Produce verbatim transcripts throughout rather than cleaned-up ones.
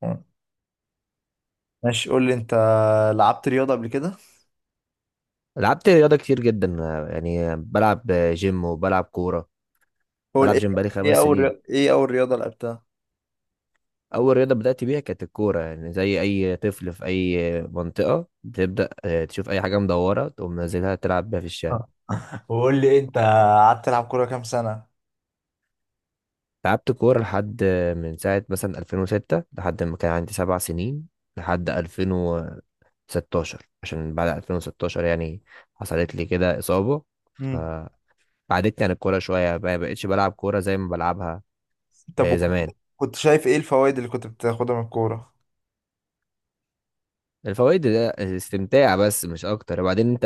تمام. ماشي، قول لي انت، لعبت رياضة قبل كده؟ لعبت رياضة كتير جدا، آه، يعني بلعب جيم وبلعب كورة. هو بلعب ايه؟ جيم بقالي ايه خمس اول سنين ري- ايه اول رياضة لعبتها؟ أول رياضة بدأت بيها كانت الكورة، يعني زي أي طفل في أي منطقة بتبدأ، آه، تشوف أي حاجة مدورة تقوم نازلها تلعب بيها في الشارع. آه. وقول لي انت، قعدت تلعب كورة كام سنة؟ لعبت كورة لحد آه، من ساعة مثلا ألفين وستة، لحد ما كان عندي سبع سنين، لحد ألفين وستاشر. عشان بعد ألفين وستاشر يعني حصلت لي كده إصابة مم. فبعدتني عن الكورة شوية، ما بقتش بلعب كورة زي ما بلعبها طب، آه، زمان. وكنت- كنت شايف ايه الفوائد اللي كنت بتاخدها من الكورة؟ الفوائد ده استمتاع بس مش اكتر، وبعدين انت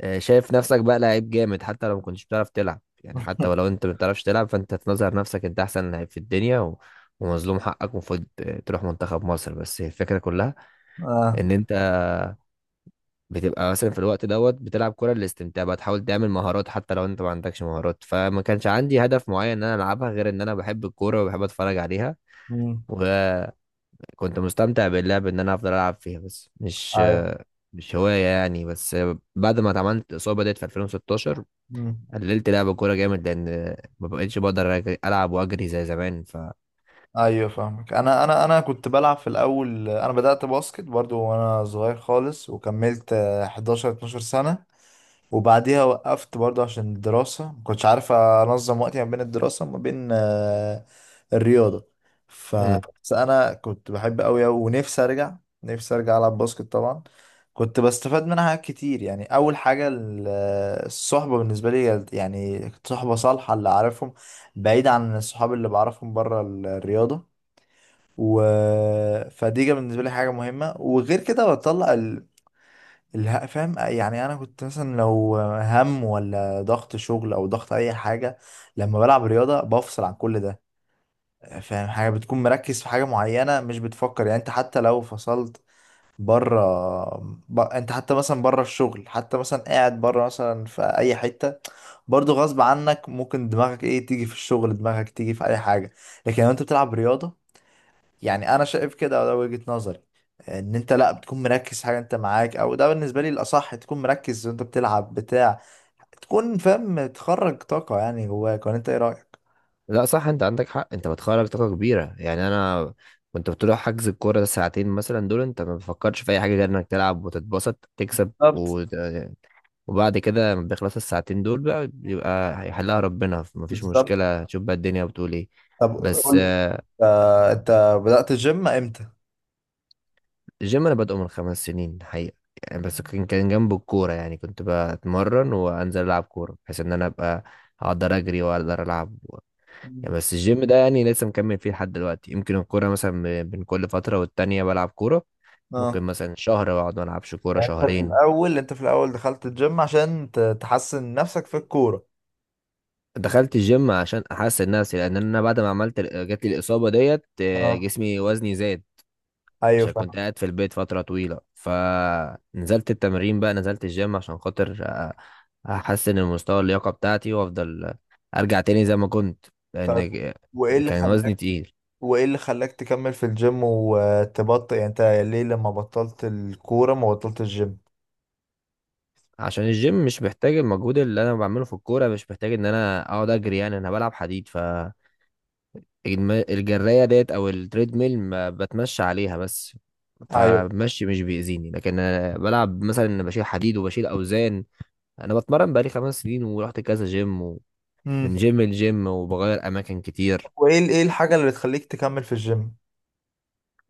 آه، شايف نفسك بقى لعيب جامد، حتى لو ما كنتش بتعرف تلعب، يعني حتى ولو انت ما بتعرفش تلعب فانت تنظر نفسك انت احسن لعيب في الدنيا و... ومظلوم حقك، المفروض آه، تروح منتخب مصر. بس هي الفكرة كلها اه. ان انت بتبقى مثلا في الوقت دوت بتلعب كرة للاستمتاع، بقى تحاول تعمل مهارات حتى لو انت ما عندكش مهارات، فما كانش عندي هدف معين ان انا العبها غير ان انا بحب الكورة وبحب اتفرج عليها. مم. كنت مستمتع باللعب ان انا افضل العب فيها، بس مش ايوه. مش هواية يعني. بس بعد ما اتعملت اصابة ديت في ألفين وستاشر مم. قللت لعب الكورة جامد، لان ما بقتش بقدر أج- العب واجري زي زمان ف ايوه فاهمك. انا انا انا كنت بلعب في الاول، انا بدأت باسكت برضو وانا صغير خالص، وكملت آه، حداشر 12 سنة، وبعديها وقفت برضه عشان الدراسة، ما كنتش عارف أنظم وقتي ما بين الدراسة وما بين آه، الرياضة. ف، مم. بس أنا كنت بحب أوي أوي، ونفسي أرجع، نفسي أرجع ألعب باسكت طبعا. كنت بستفاد منها حاجات كتير، يعني أول حاجة ال- الصحبة، بالنسبة لي يعني كانت صحبة صالحة اللي أعرفهم، بعيد عن الصحاب اللي بعرفهم بره الرياضة. و، فدي كانت بالنسبة لي حاجة مهمة، وغير كده بطلع الها، فاهم؟ يعني انا كنت مثلا لو هم، ولا ضغط شغل او ضغط اي حاجه، لما بلعب رياضه بفصل عن كل ده، فاهم؟ حاجه بتكون مركز في حاجه معينه، مش بتفكر، يعني انت حتى لو فصلت بره، ب... انت حتى مثلا بره الشغل، حتى مثلا قاعد بره مثلا في اي حته، برضو غصب عنك ممكن دماغك ايه تيجي في الشغل، دماغك تيجي في اي حاجه. لكن لو انت بتلعب رياضه، يعني انا شايف كده، وده وجهة نظري، ان انت لا بتكون مركز في حاجه انت معاك، او ده بالنسبه لي الاصح، تكون مركز وانت بتلعب بتاع، تكون فاهم تخرج طاقه يعني جواك، ولا انت ايه رايك؟ لا صح، انت عندك حق، انت بتخرج طاقة كبيرة. يعني انا كنت بتروح حجز الكورة ده ساعتين، مثلا دول انت ما بتفكرش في اي حاجة غير انك تلعب وتتبسط تكسب بالظبط. و... وبعد كده لما بيخلص الساعتين دول بقى، بيبقى هيحلها ربنا، مفيش بالظبط. مشكلة، تشوف بقى الدنيا بتقول ايه. طب بس قول لي، آه، انت بدأت الجيم امتى؟ الجيم انا بادئه من خمس سنين حقيقة، يعني بس كان كان جنب الكورة، يعني كنت بتمرن وانزل العب كورة بحيث ان انا ابقى اقدر اجري واقدر العب و... يعني مم. بس الجيم ده يعني لسه مكمل فيه لحد دلوقتي، يمكن الكورة مثلا ب- بين كل فترة والتانية بلعب كورة، اه. ممكن مثلا شهر واقعد ما العبش كورة شهرين. الاول، انت في الاول دخلت الجيم عشان ت- تحسن نفسك في الكوره. دخلت الجيم عشان احسن نفسي، لان انا بعد ما عملت جات لي الاصابة ديت، آه، اه. جسمي وزني زاد، ايوه عشان كنت فاهم. قاعد في البيت فترة طويلة، فنزلت التمرين بقى، نزلت الجيم عشان خاطر أ- أحسن المستوى اللياقة بتاعتي وأفضل أرجع تاني زي ما كنت، طب، لأن ج- وايه اللي كان وزني خلاك تقيل. وايه اللي خلاك تكمل في الجيم وتبطل، يعني انت ليه لما بطلت الكوره ما بطلت الجيم؟ عشان الجيم مش محتاج المجهود اللي أنا بعمله في الكورة، مش محتاج إن أنا أقعد أجري، يعني أنا بلعب حديد ف الم- الجراية ديت أو التريد ميل ما بتمشى عليها بس، ايوه. فمشي مش بيأذيني، لكن أنا بلعب مثلا، أنا بشيل حديد وبشيل أوزان. أنا بتمرن بقالي خمس سنين ورحت كذا جيم، امم. من جيم لجيم، وبغير اماكن كتير. وايه ال- ايه الحاجه اللي بتخليك تكمل في الجيم؟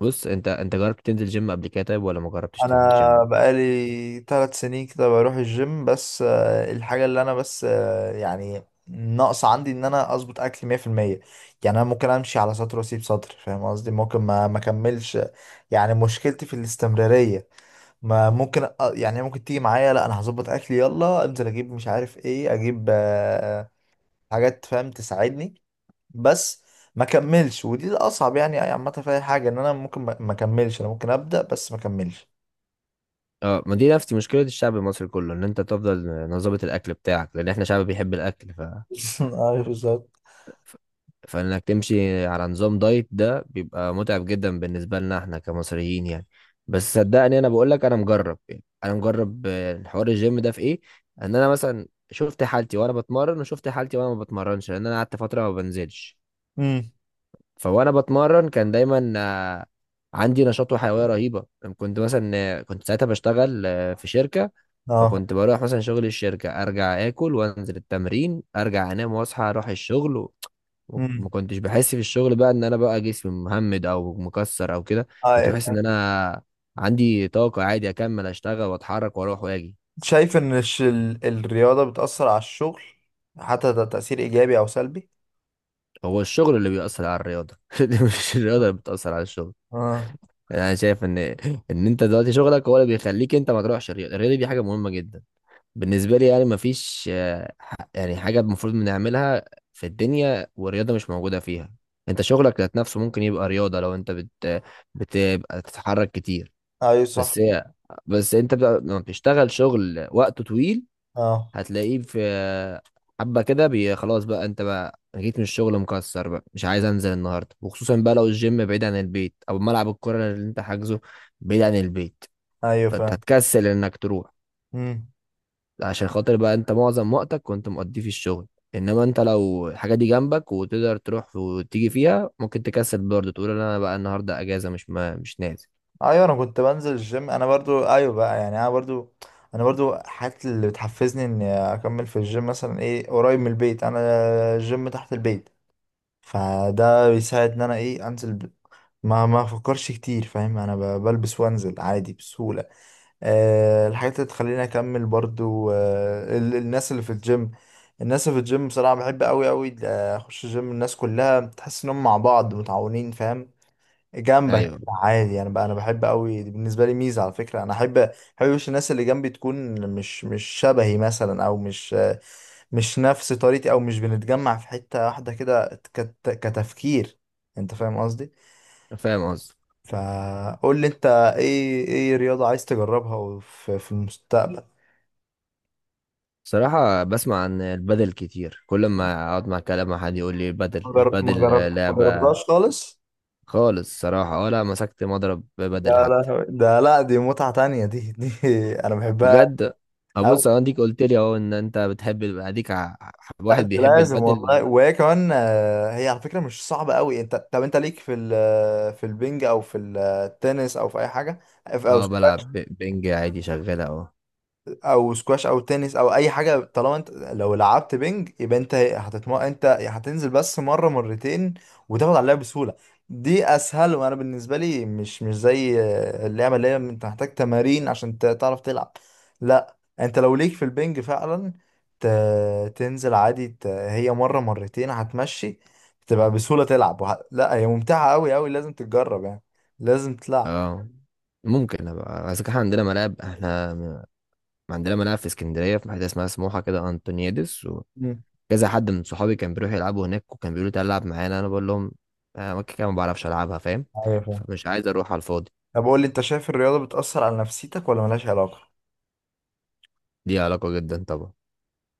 بص، انت انت جربت تنزل جيم قبل كده؟ طيب، ولا ما جربتش تنزل انا جيم؟ بقالي ثلاث سنين كده بروح الجيم، بس آه، الحاجه اللي انا بس آه، يعني ناقص عندي ان انا اظبط اكلي مئة في المئة. يعني انا ممكن امشي على سطر واسيب سطر، فاهم قصدي؟ ممكن ما ما اكملش، يعني مشكلتي في الاستمراريه. ما ممكن أ- يعني ممكن تيجي معايا، لا انا هظبط اكلي، يلا انزل اجيب، مش عارف ايه، اجيب آه، حاجات فاهم تساعدني، بس ما كملش، ودي الاصعب يعني يعني عامه في اي حاجه، ان انا ممكن ما ما اكملش، انا ممكن ابدا بس ما اكملش. اه، ما دي نفس مشكله الشعب المصري كله، ان انت تفضل نظبط الاكل بتاعك لان احنا شعب بيحب الاكل، ف... ايوه بالظبط. ف... فانك تمشي على نظام دايت ده بيبقى متعب جدا بالنسبه لنا احنا كمصريين يعني. بس صدقني انا بقول لك، انا مجرب، يعني انا مجرب، آه، حوار الجيم ده في ايه. ان انا مثلا شفت حالتي وانا بتمرن، وشفت حالتي وانا ما بتمرنش، لان انا قعدت فتره ما بنزلش. امم. فوانا بتمرن كان دايما آه، عندي نشاط وحيويه رهيبه. كنت مثلا، آه، كنت ساعتها بشتغل آه، في شركه، اه. فكنت بروح مثلا شغل الشركه، ارجع اكل وانزل التمرين، ارجع انام واصحى اروح الشغل و- امم. وما كنتش بحس في الشغل بقى ان انا بقى جسمي مهمد او مكسر او كده، كنت بحس ان ايوه انا عندي طاقه عادي اكمل اشتغل واتحرك واروح واجي. شايف ان الش- ال- الرياضه بتاثر على الشغل، حتى ده تاثير ايجابي او سلبي؟ هو الشغل اللي بيأثر على الرياضه مش الرياضه اللي بتأثر على الشغل. اه. يعني انا شايف ان ان انت دلوقتي شغلك هو اللي بيخليك انت ما تروحش الرياضه. الرياضه دي حاجه مهمه جدا بالنسبه لي، يعني ما فيش، آه، ح- يعني حاجه المفروض بنعملها في الدنيا والرياضه مش موجوده فيها. انت شغلك ذات نفسه ممكن يبقى رياضه لو انت بت بتبقى تتحرك كتير. ايوه صح. بس هي بس انت بقى- لما بتشتغل شغل وقته طويل اه. هتلاقيه في حبة كده، بي- خلاص بقى، انت بقى جيت من الشغل مكسر بقى، مش عايز انزل النهارده، وخصوصا بقى لو الجيم بعيد عن البيت او ملعب الكرة اللي انت حاجزه بعيد عن البيت، ايوه فانت فاهم. هتكسل انك تروح. امم. عشان خاطر بقى انت معظم وقتك كنت مقضيه في الشغل، انما انت لو الحاجة دي جنبك وتقدر تروح وتيجي فيها، ممكن تكسل برضه، تقول انا بقى النهارده اجازة، مش ما مش نازل. ايوه انا كنت بنزل الجيم، انا برضو ايوه، بقى يعني انا برضو، انا برضو حاجات اللي بتحفزني اني اكمل في الجيم، مثلا ايه قريب من البيت، انا الجيم تحت البيت، فده بيساعد ان انا ايه انزل ب...، ما ما افكرش كتير، فاهم؟ انا ب... بلبس وانزل عادي بسهولة. أه. الحاجات اللي تخليني اكمل برضو أه ال... الناس اللي في الجيم، الناس اللي في الجيم بصراحة بحب قوي قوي اخش الجيم، الناس كلها تحس انهم مع بعض متعاونين، فاهم؟ جنبك ايوه، عادي، انا بقى انا بحب قوي، دي بالنسبه لي ميزه على فكره، انا احب احب وش الناس اللي جنبي تكون مش مش شبهي مثلا، او مش مش نفس طريقتي، او مش بنتجمع في حته واحده كده، كت- كتفكير، انت فاهم قصدي؟ فاهم قصدي. فقول لي انت، ايه ايه رياضه عايز تجربها في في المستقبل؟ صراحة بسمع عن البدل كتير، كل ما اقعد مع كلام مع حد يقول لي ما البدل، جر- ما البدل آه، جرب- ما لعبة، جربتهاش خالص؟ خالص صراحة ولا مسكت مضرب يا بدل حتى. لهوي ده، لا، دي متعه تانية، دي دي انا بحبها. بجد، ابص انا ديك قلت لي اهو ان انت بتحب ال- اديك ع- لا واحد انت بيحب لازم والله، البدل. وهي كمان آه، هي على فكره مش صعبه قوي، انت، طب انت ليك في ال- في البنج او في التنس او في اي حاجه او؟ اه، بلعب ب- بنج عادي شغالة اهو. او سكواش او تنس او اي حاجه، طالما انت لو لعبت بينج يبقى انت هتتم...، انت هتنزل بس مره مرتين وتاخد عليها بسهوله، دي اسهل، وانا بالنسبه لي مش مش زي اللعبه اللي هي انت محتاج تمارين عشان ت- تعرف تلعب، لا انت لو ليك في البينج فعلا ت... تنزل عادي، ت... هي مره مرتين هتمشي، تبقى بسهوله تلعب، وه... لا هي ممتعه قوي قوي، لازم تتجرب يعني، لازم تلعب. اه، ممكن ابقى، بس احنا عندنا ملاعب، احنا م- عندنا ملاعب في اسكندرية، في حتة اسمها سموحة كده انطونيادس. مم. كذا حد من صحابي كان بيروح يلعبوا هناك، وكان بيقولوا تعالى العب معانا، انا بقول لهم: "آه، انا مكة كده ما بعرفش العبها"، فاهم؟ ايوه. فمش عايز اروح على الفاضي. طب قول لي، انت شايف الرياضة بتأثر على نفسيتك ولا ملهاش علاقة؟ دي علاقة جدا طبعا.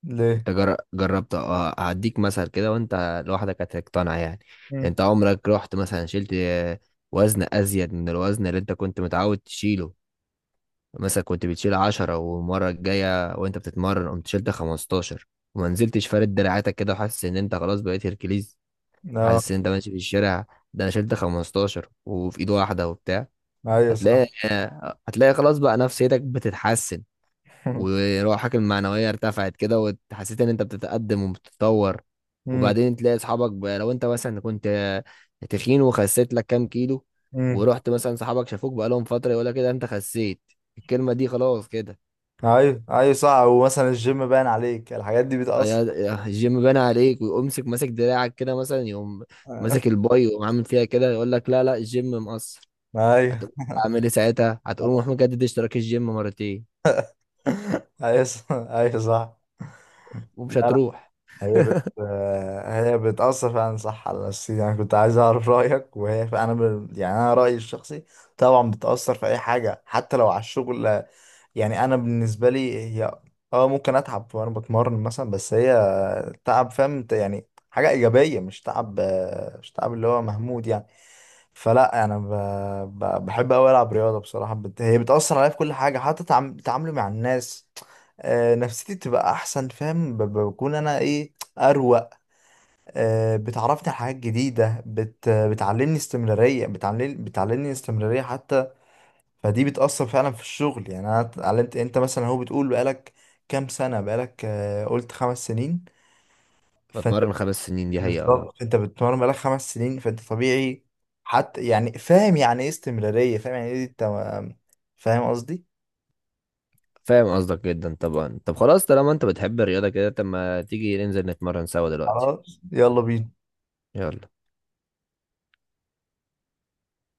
ليه؟ انت جر- جربت، أ- هديك مثل كده وانت لوحدك هتقتنع يعني. مم. انت عمرك رحت مثلا شلت آه، وزن ازيد من الوزن اللي انت كنت متعود تشيله؟ مثلا كنت بتشيل عشرة، والمرة الجاية وانت بتتمرن قمت شلت خمستاشر، وما نزلتش فارد دراعاتك كده وحاسس ان انت خلاص بقيت هيركليز، اه. حاسس ان انت ماشي في الشارع، ده انا شلت خمستاشر وفي ايد واحده وبتاع، ايوه صح. هتلاقي هتلاقي خلاص بقى نفسيتك بتتحسن، وروحك المعنويه ارتفعت كده، وحسيت ان انت بتتقدم وبتتطور. مم. وبعدين تلاقي اصحابك بقى، لو انت مثلا كنت تخين وخسيت لك كام كيلو، مم. ورحت مثلا صحابك شافوك بقى لهم فتره، يقول لك كده انت خسيت، الكلمه دي خلاص كده. ايوه ايوه صح، ومثلا الجيم باين عليك، الحاجات دي يا بتأثر. يا الجيم بان عليك، ويقوم مسك ماسك دراعك كده مثلا، يقوم ماسك الباي ويقوم عامل فيها كده، يقول لك لا لا، الجيم مقصر، ايوه. هتقول اعمل ايه ساعتها، هتقول روح مجدد اشتراك الجيم مرتين، ايوه صح ايوه صح. لا ومش لا، هتروح. هي بت، آه، هي بتأثر فعلا صح على نفسيتي، انا كنت عايز اعرف رأيك، وهي فعلا انا ب...، يعني انا رأيي الشخصي، طبعا بتأثر في اي حاجة حتى لو على الشغل، يعني انا بالنسبه لي هي اه ممكن اتعب وانا بتمرن مثلا، بس هي تعب، فاهم؟ ت- يعني حاجه ايجابيه، مش تعب، مش تعب اللي هو مهمود يعني، فلا انا ب- ب- بحب قوي العب رياضه بصراحه، بت... هي بتاثر عليا في كل حاجه، حتى تعم... تعاملي مع الناس، آه، نفسيتي بتبقى احسن، فاهم؟ ب- بكون انا ايه اروق، آه، بتعرفني على حاجات جديده، بت...، بتعلمني استمراريه بتعلم... بتعلمني استمراريه حتى، فدي بتأثر فعلا في الشغل، يعني انا اتعلمت، انت مثلا هو بتقول بقالك كام سنة بقالك، آه، قلت خمس سنين، فانت بتمرن خمس سنين دي حقيقة، اه. بالظبط، انت بتتمرن بقالك خمس سنين فانت طبيعي، حتى يعني فاهم يعني ايه استمرارية، فاهم يعني ايه انت، فاهم قصدي؟ فاهم قصدك جدا طبعا، طب خلاص، طالما انت بتحب الرياضة كده، طب ما تيجي ننزل نتمرن سوا دلوقتي. خلاص يلا بينا. يلا.